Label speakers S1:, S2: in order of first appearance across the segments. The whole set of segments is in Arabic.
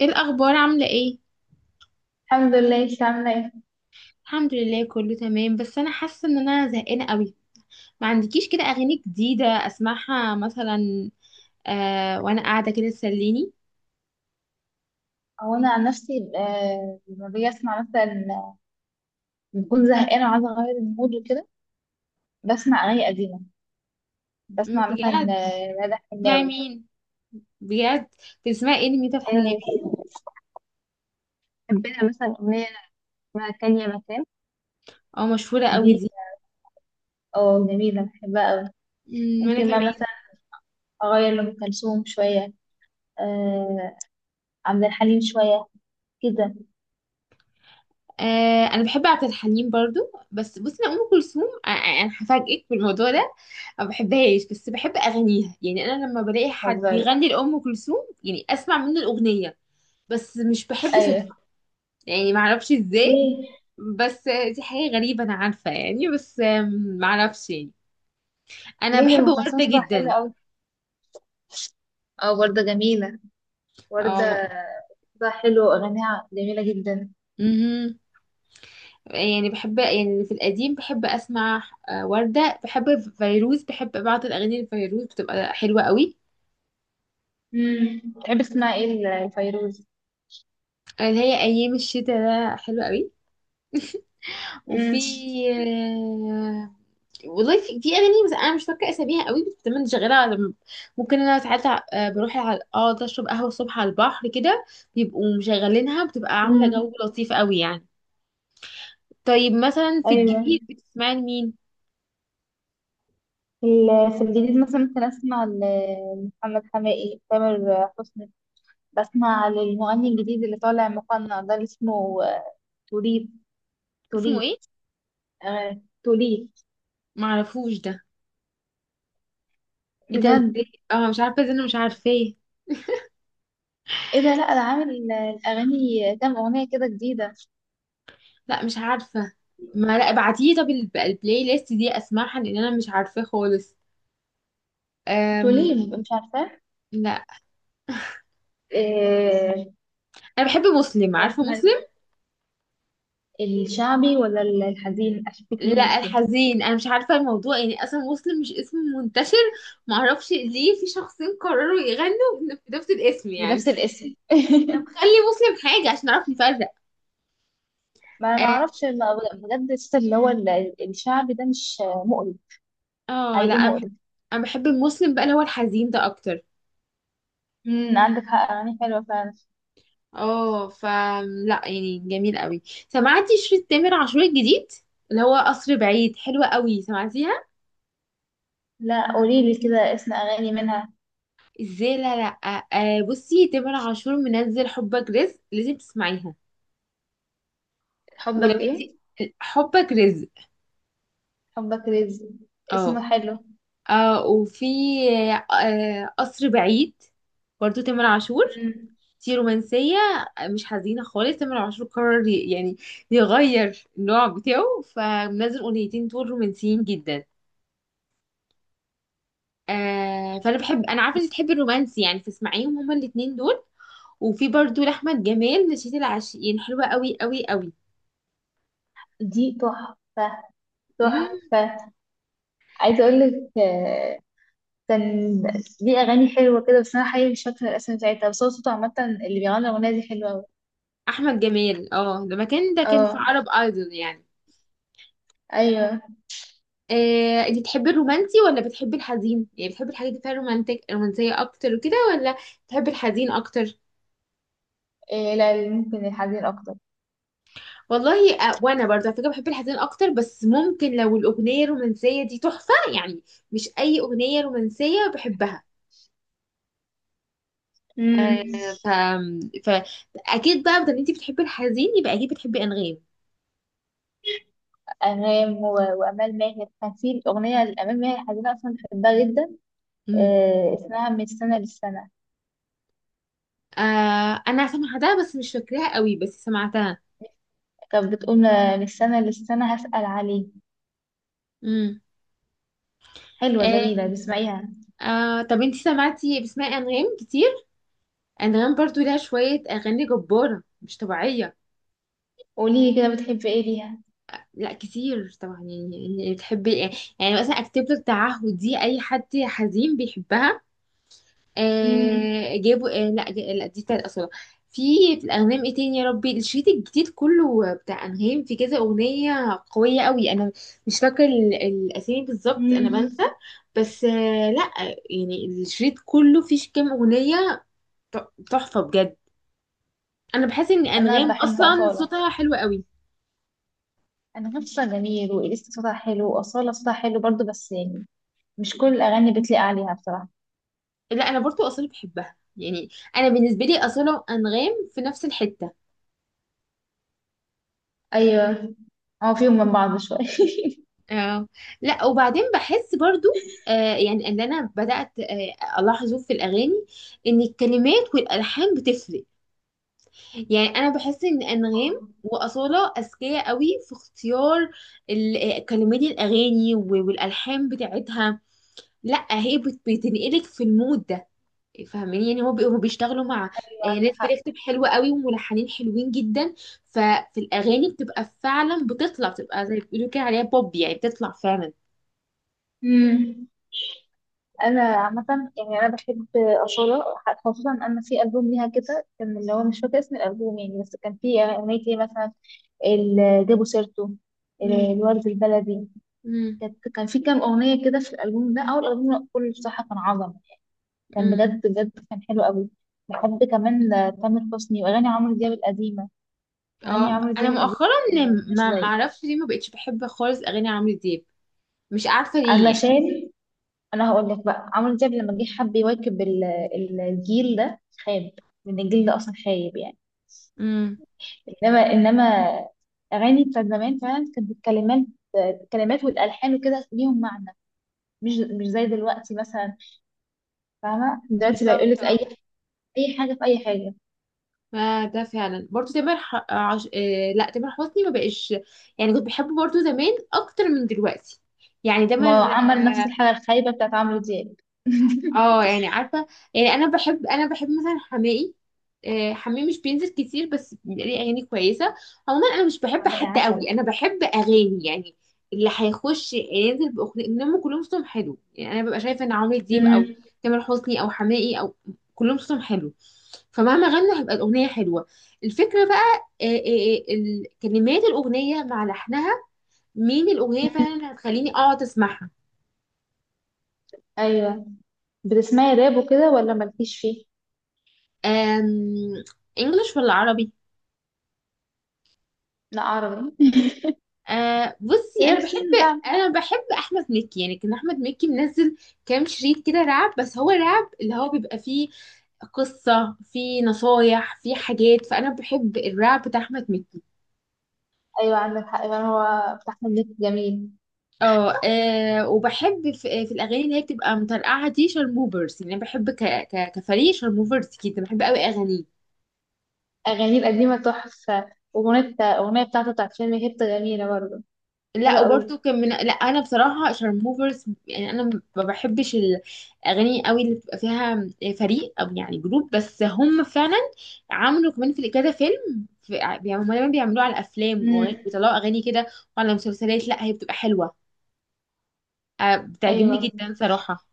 S1: ايه الاخبار؟ عامله ايه؟
S2: الحمد لله، انت عامله ايه؟
S1: الحمد لله كله تمام، بس انا حاسه ان انا زهقانه قوي. ما عندكيش كده اغاني جديده اسمعها مثلا؟ وانا قاعده كده تسليني.
S2: هو انا عن نفسي لما باجي اسمع مثلا بكون زهقانه وعايزه اغير المود وكده، بسمع اغاني قديمه، بسمع مثلا
S1: بجد؟
S2: مدح
S1: مع
S2: حناوي.
S1: مين؟ بجد؟ بتسمعي ايه لميتة الحناوي؟
S2: حبينا مثلا أغنية اسمها تانية مكان
S1: او مشهوره
S2: دي،
S1: قوي دي.
S2: اه جميله بحبها قوي.
S1: وانا
S2: ممكن بقى
S1: كمان.
S2: مثلا اغير لام كلثوم شويه، آه عبد الحليم شويه، كده.
S1: انا بحب عبد الحليم برضو. بس بصي، انا ام كلثوم انا هفاجئك بالموضوع ده. ما بحبهاش، بس بحب اغانيها. يعني انا لما بلاقي حد
S2: بتهزري؟
S1: بيغني لام كلثوم، يعني اسمع منه الاغنيه. بس مش بحب،
S2: ايوه.
S1: يعني معرفش ازاي.
S2: ليه
S1: بس، دي حاجة غريبة أنا عارفة يعني، بس معرفش يعني. أنا
S2: ليه،
S1: بحب
S2: ام كلثوم
S1: وردة
S2: صوتها حلو
S1: جدا.
S2: قوي. اه، ورده جميله، ورده
S1: أو.
S2: صوتها حلو واغانيها جميله جدا.
S1: مهم. يعني بحب، يعني في القديم بحب أسمع. وردة بحب. فيروز بحب، بعض الأغاني الفيروز بتبقى حلوة قوي.
S2: تحب تسمع ايه الفيروز؟
S1: اللي هي أيام الشتاء ده حلوة قوي.
S2: امم.
S1: وفي. آه، والله في اغاني، بس انا مش فاكره اساميها قوي، بس دايما شغاله ممكن انا ساعات. بروح اقعد اشرب قهوه الصبح على البحر كده، بيبقوا مشغلينها، بتبقى عامله
S2: امم.
S1: جو لطيف قوي يعني. طيب مثلا في
S2: ايوه.
S1: الجديد بتسمعي لمين؟
S2: في الجديد مثلا ممكن اسمع لمحمد حماقي، تامر حسني. بسمع للمغني الجديد اللي طالع مقنع ده اللي اسمه توليت
S1: اسمه
S2: توليت.
S1: ايه؟
S2: توليت.
S1: معرفوش ده. ايه ده؟
S2: بجد؟
S1: ازاي؟ اه مش عارفه ازاي، انا مش عارفاه.
S2: ايه ده، لا ده عامل الاغاني كام اغنيه كده جديده.
S1: لا مش عارفه. ما لا ابعتيه، طب البلاي ليست دي اسمعها لان انا مش عارفاه خالص. أم...
S2: توليم، مش عارفه.
S1: لا،
S2: إيه؟
S1: انا بحب مسلم. عارفه
S2: اسمها إيه
S1: مسلم؟
S2: كده؟ الشعبي ولا الحزين، اشوفك مين
S1: لا،
S2: مسلم؟
S1: الحزين. انا مش عارفه الموضوع يعني، اصلا مسلم مش اسم منتشر. معرفش ليه في شخصين قرروا يغنوا بنفس الاسم يعني.
S2: بنفس
S1: طب
S2: الاسم.
S1: خلي مسلم حاجه عشان نعرف نفرق.
S2: ما انا ما
S1: اه.
S2: اعرفش بجد الست اللي هو الشعبي ده مش مقرف؟
S1: لا
S2: حقيقي
S1: انا
S2: مقرف.
S1: أنا بحب المسلم بقى اللي هو الحزين ده اكتر.
S2: عندك حق، اغاني حلوه فعلا.
S1: اه، لا يعني جميل قوي. سمعتي شريط تامر عاشور الجديد؟ اللي هو قصر بعيد، حلوة قوي، سمعتيها؟
S2: لا، قولي لي كده اسم اغاني منها.
S1: ازاي؟ لا لا، بصي، تامر عاشور منزل حبك رزق، لازم تسمعيها. ولو
S2: حبك
S1: انتي...
S2: ايه؟
S1: حبك رزق.
S2: حبك رزق.
S1: اه.
S2: اسمه حلو.
S1: وفي، قصر بعيد، برضو تامر عاشور.
S2: امم.
S1: دي رومانسية، مش حزينة خالص. تامر عاشور قرر يعني يغير النوع بتاعه، فمنزل أغنيتين دول رومانسيين جدا. فأنا بحب، أنا عارفة إنك بتحبي الرومانسي يعني، فاسمعيهم هما الاتنين دول. وفي برضو لأحمد جمال نشيد العاشقين، حلوة قوي قوي قوي.
S2: دي تحفه،
S1: مم.
S2: تحفه. عايزه اقول لك، كان دي اغاني حلوه كده، بس انا حقيقي مش فاكره الاسم بتاعتها، بس هو صوته عامه اللي بيغني الاغنيه دي حلوه أوي.
S1: أحمد جمال، اه، ده مكان، ده كان في
S2: اه.
S1: عرب ايدول يعني.
S2: ايوه.
S1: انت بتحبي الرومانسي ولا بتحبي الحزين؟ يعني بتحبي الحاجات اللي فيها رومانتك، رومانسية اكتر وكده، ولا بتحبي الحزين اكتر؟
S2: إيه، لا، ممكن الحزين اكتر.
S1: والله وانا برضه على فكرة بحب الحزين اكتر، بس ممكن لو الاغنية الرومانسية دي تحفة يعني، مش اي اغنية رومانسية بحبها.
S2: امم.
S1: آه، ف... ف اكيد بقى، بدل انت بتحبي الحزين يبقى اكيد بتحبي انغام.
S2: أنغام وأمال ماهر، كان في أغنية لأمال ماهر حزينة أصلا بحبها جدا،
S1: امم.
S2: اسمها من السنة للسنة.
S1: انا سمعتها، بس مش فاكراها قوي، بس سمعتها.
S2: كانت بتقول من السنة للسنة هسأل عليه،
S1: امم.
S2: حلوة
S1: آه
S2: جميلة بسمعيها.
S1: طب انت سمعتي، بتسمعي انغام كتير؟ انغام برضو لها شوية اغاني جبارة مش طبيعية.
S2: قولي لي كده بتحبي إيه ليها؟
S1: لا كتير طبعا يعني. يعني بتحب، يعني مثلا اكتب لك تعهد، دي اي حد حزين بيحبها.
S2: مم.
S1: جابوا، لا لا دي بتاعت اصلا. في في الانغام ايه تاني يا ربي؟ الشريط الجديد كله بتاع انغام، في كذا اغنية قوية قوي. انا مش فاكر الاسامي بالظبط، انا بنسى.
S2: مم.
S1: بس لا، يعني الشريط كله فيه كام اغنية تحفة بجد. انا بحس ان
S2: أنا
S1: انغام
S2: بحب
S1: اصلا
S2: أصالة.
S1: صوتها حلو قوي.
S2: أنغام صوتها جميل، وإليسا صوتها حلو، وأصالة صوتها حلو برضو، بس يعني مش كل الأغاني بتليق عليها بصراحة.
S1: لا انا برضو اصاله بحبها يعني. انا بالنسبه لي اصاله انغام في نفس الحته.
S2: أيوة. هو فيهم من بعض شوية.
S1: اه. لا وبعدين بحس برضو يعني ان انا بدات الاحظه في الاغاني، ان الكلمات والالحان بتفرق. يعني انا بحس ان انغام واصاله اذكياء قوي في اختيار كلمات الاغاني والالحان بتاعتها. لا هي بتنقلك في المود ده، فاهمين؟ يعني هو بيشتغلوا مع
S2: أيوة، عندك
S1: ناس
S2: حق.
S1: بتكتب حلوة قوي وملحنين حلوين جدا. ففي الأغاني بتبقى فعلا، بتطلع بتبقى زي ما بيقولوا كده عليها بوب، يعني بتطلع فعلا.
S2: مم. انا عامه يعني انا بحب اصاله، خصوصا ان في البوم ليها كده كان، اللي هو مش فاكره اسم الالبوم يعني، بس كان في اغنيه ايه مثلا، جابوا سيرته،
S1: مم.
S2: الورد البلدي.
S1: مم.
S2: كان في كام اغنيه كده في الالبوم ده، اول البوم كله بصراحه كان عظم، كان
S1: مم.
S2: بجد بجد، كان حلو قوي. بحب كمان تامر حسني واغاني عمرو دياب القديمه، اغاني
S1: اه،
S2: عمرو
S1: انا
S2: دياب القديمه
S1: مؤخرا
S2: يعني ما لهاش
S1: ما
S2: زي.
S1: اعرفش ليه ما بقتش بحب خالص اغاني عمرو دياب. مش عارفه ليه يعني.
S2: علشان، انا هقول لك بقى، عمرو دياب لما جه حب يواكب الجيل ده خاب، لان الجيل ده اصلا خايب يعني.
S1: امم.
S2: انما اغاني بتاعت زمان فعلا كانت الكلمات والالحان وكده ليهم معنى، مش زي دلوقتي مثلا. فاهمه؟ دلوقتي لا،
S1: بالظبط
S2: يقول لك اي
S1: اه.
S2: اي حاجه في اي حاجه.
S1: ما ده فعلا برضو. تامر ح... آه، عش... آه لا تامر حسني ما بقاش، يعني كنت بحبه برضو زمان اكتر من دلوقتي. يعني
S2: ما هو
S1: تامر،
S2: عمل نفس
S1: آه،
S2: الحاجه الخايبه بتاعت عمرو دياب.
S1: اه يعني عارفه. يعني انا بحب مثلا حماقي. حماقي مش بينزل كتير، بس ليه اغاني كويسه. عموما انا مش بحب
S2: يا
S1: حد
S2: عسل.
S1: قوي، انا بحب اغاني يعني اللي هيخش ينزل باغنيه. انهم كلهم صوتهم حلو يعني، انا ببقى شايفه ان عمرو دياب، او
S2: امم.
S1: تامر حسني، او حماقي، او كلهم صوتهم حلو، فمهما غنوا هيبقى الاغنيه حلوه. الفكره بقى كلمات الاغنيه مع لحنها، مين الاغنيه فعلا اللي هتخليني اقعد اسمعها.
S2: ايوه. بتسمعي راب وكده ولا مالكيش فيه؟
S1: أم... انجلش ولا عربي؟
S2: لا، عربي.
S1: بصي، انا بحب
S2: نفسي.
S1: انا بحب احمد مكي. يعني كان احمد مكي منزل كام شريط كده رعب، بس هو رعب اللي هو بيبقى فيه قصة، فيه نصايح، فيه حاجات. فانا بحب الرعب بتاع احمد مكي.
S2: ايوه، عندك حق فعلا، هو بتاع احمد مكي جميل.
S1: اه. وبحب في الاغاني اللي هي بتبقى مترقعة دي، شارموفرز. يعني أنا بحب كفريق شارموفرز كده، بحب قوي اغانيه.
S2: اغانيه القديمه تحفه، واغنيه الاغنيه بتاعته بتاعت فيلم هيبت جميله برضه،
S1: لا
S2: حلوه قوي.
S1: وبرده كان من... لا انا بصراحه شارموفرز يعني، انا ما بحبش الاغاني قوي اللي بتبقى فيها فريق، او يعني جروب. بس هم فعلا عملوا كمان في كذا فيلم. يعني هم دايما بيعملوه على افلام،
S2: امم.
S1: ويطلعوا اغاني كده، وعلى مسلسلات. لا هي بتبقى حلوه، بتعجبني
S2: ايوه.
S1: جدا صراحه.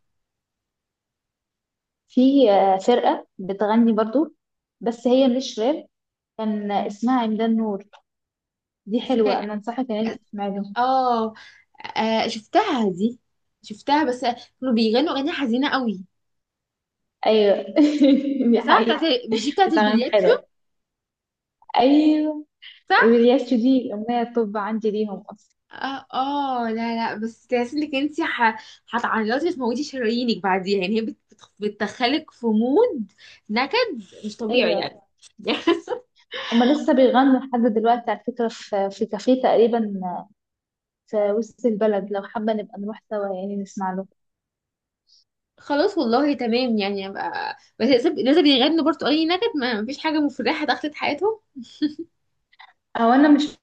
S2: في فرقه بتغني برضه، بس هي مش راب، كان اسمها عمدان نور، دي حلوه،
S1: اسمها...
S2: انا انصحك ان انت
S1: اه.
S2: تسمعي لهم.
S1: آه، شفتها دي، شفتها، بس كانوا بيغنوا اغاني حزينه قوي.
S2: ايوه. دي
S1: صح، بتاعت...
S2: حقيقه.
S1: مش دي بتاعت
S2: بس اغانيهم
S1: البليات شو؟
S2: حلوه. ايوه.
S1: صح.
S2: الياس دي اغنيه، طب عندي ليهم اصلا.
S1: اه اه، لا لا، بس تحس انك انت هتعيطي وتموتي شرايينك بعديها، يعني هي بتدخلك في مود نكد مش طبيعي
S2: ايوه.
S1: يعني.
S2: هما لسه بيغنوا لحد دلوقتي على فكره، في كافيه تقريبا في وسط البلد، لو حابة نبقى نروح سوا يعني نسمع له.
S1: خلاص والله تمام. يعني ابقى، بس لازم لازم يغنوا برضو اي نكد، ما مفيش حاجه مفرحه دخلت حياتهم.
S2: او انا مش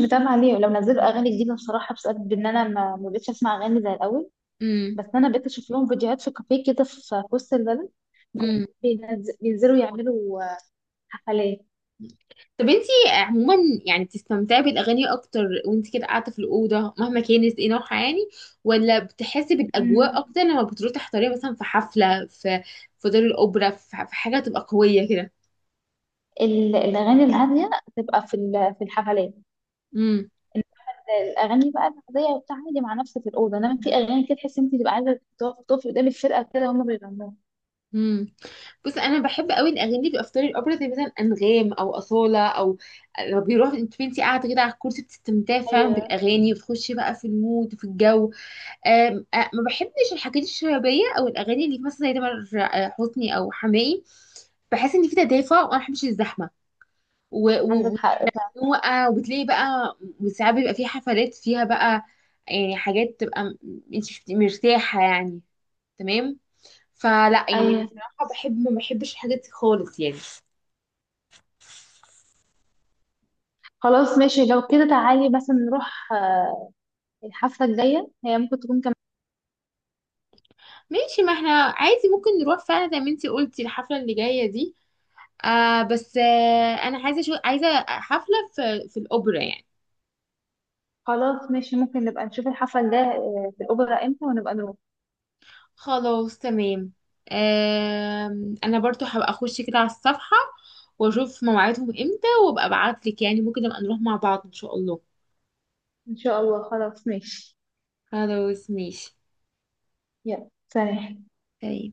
S2: متابعة ليه لو نزلوا اغاني جديدة بصراحة، بسبب ان انا ما بقتش اسمع اغاني زي الاول،
S1: امم.
S2: بس انا بقيت اشوف لهم فيديوهات في كافيه كده، في وسط البلد،
S1: امم.
S2: بينزلوا يعملوا حفلات.
S1: طب انتي عموما، يعني بتستمتعي بالاغاني اكتر وانتي كده قاعده في الاوضه مهما كانت ايه نوعها يعني، ولا بتحسي بالاجواء
S2: مم.
S1: اكتر لما بتروحي تحضري مثلا في حفله في دار الاوبرا في حاجه تبقى قويه كده؟
S2: الأغاني الهادية تبقى في في الحفلات، إن- الأغاني بقى العادية وبتاع عادي مع نفسك في الأوضة، إنما في أغاني كده تحس إن أنت تبقى عايزة تقفي قدام الفرقة كده هما بيغنوها.
S1: امم. بص، انا بحب قوي الاغاني اللي بيبقى في طريق الاوبرا، زي مثلا انغام او اصاله. او لو بيروح انت، قاعده كده على الكرسي، بتستمتعي فعلا
S2: أيوه،
S1: بالاغاني، وتخشي بقى في المود وفي الجو. آم، آه، ما بحبش الحاجات الشبابيه، او الاغاني اللي مثلا زي تامر حسني او حماقي. بحس ان في تدافع وانا ما بحبش الزحمه. و-
S2: عندك
S1: و-
S2: حق فعلا.
S1: والزنوقه، وبتلاقي بقى وساعات بيبقى في حفلات فيها بقى يعني حاجات تبقى، انت مش بتبقي مرتاحه يعني. تمام. فلا يعني
S2: أيوه.
S1: بصراحة بحب، ما بحبش الحاجات دي خالص يعني.
S2: خلاص ماشي، لو كده تعالي مثلا نروح الحفلة الجاية، هي ممكن تكون كمان.
S1: ماشي، ما احنا عادي ممكن نروح فعلا زي ما انتي قلتي الحفلة اللي جاية دي. بس انا عايزة، شو عايزة حفلة في الأوبرا يعني.
S2: خلاص ماشي، ممكن نبقى نشوف الحفلة الجاية في الأوبرا امتى ونبقى نروح.
S1: خلاص تمام. آه انا برضو هبقى اخش كده على الصفحة واشوف مواعيدهم امتى وابقى ابعتلك. يعني ممكن نبقى نروح مع بعض ان شاء الله.
S2: إن شاء الله، خلاص ماشي.
S1: خلاص ماشي.
S2: يلا، سلام.
S1: تمام.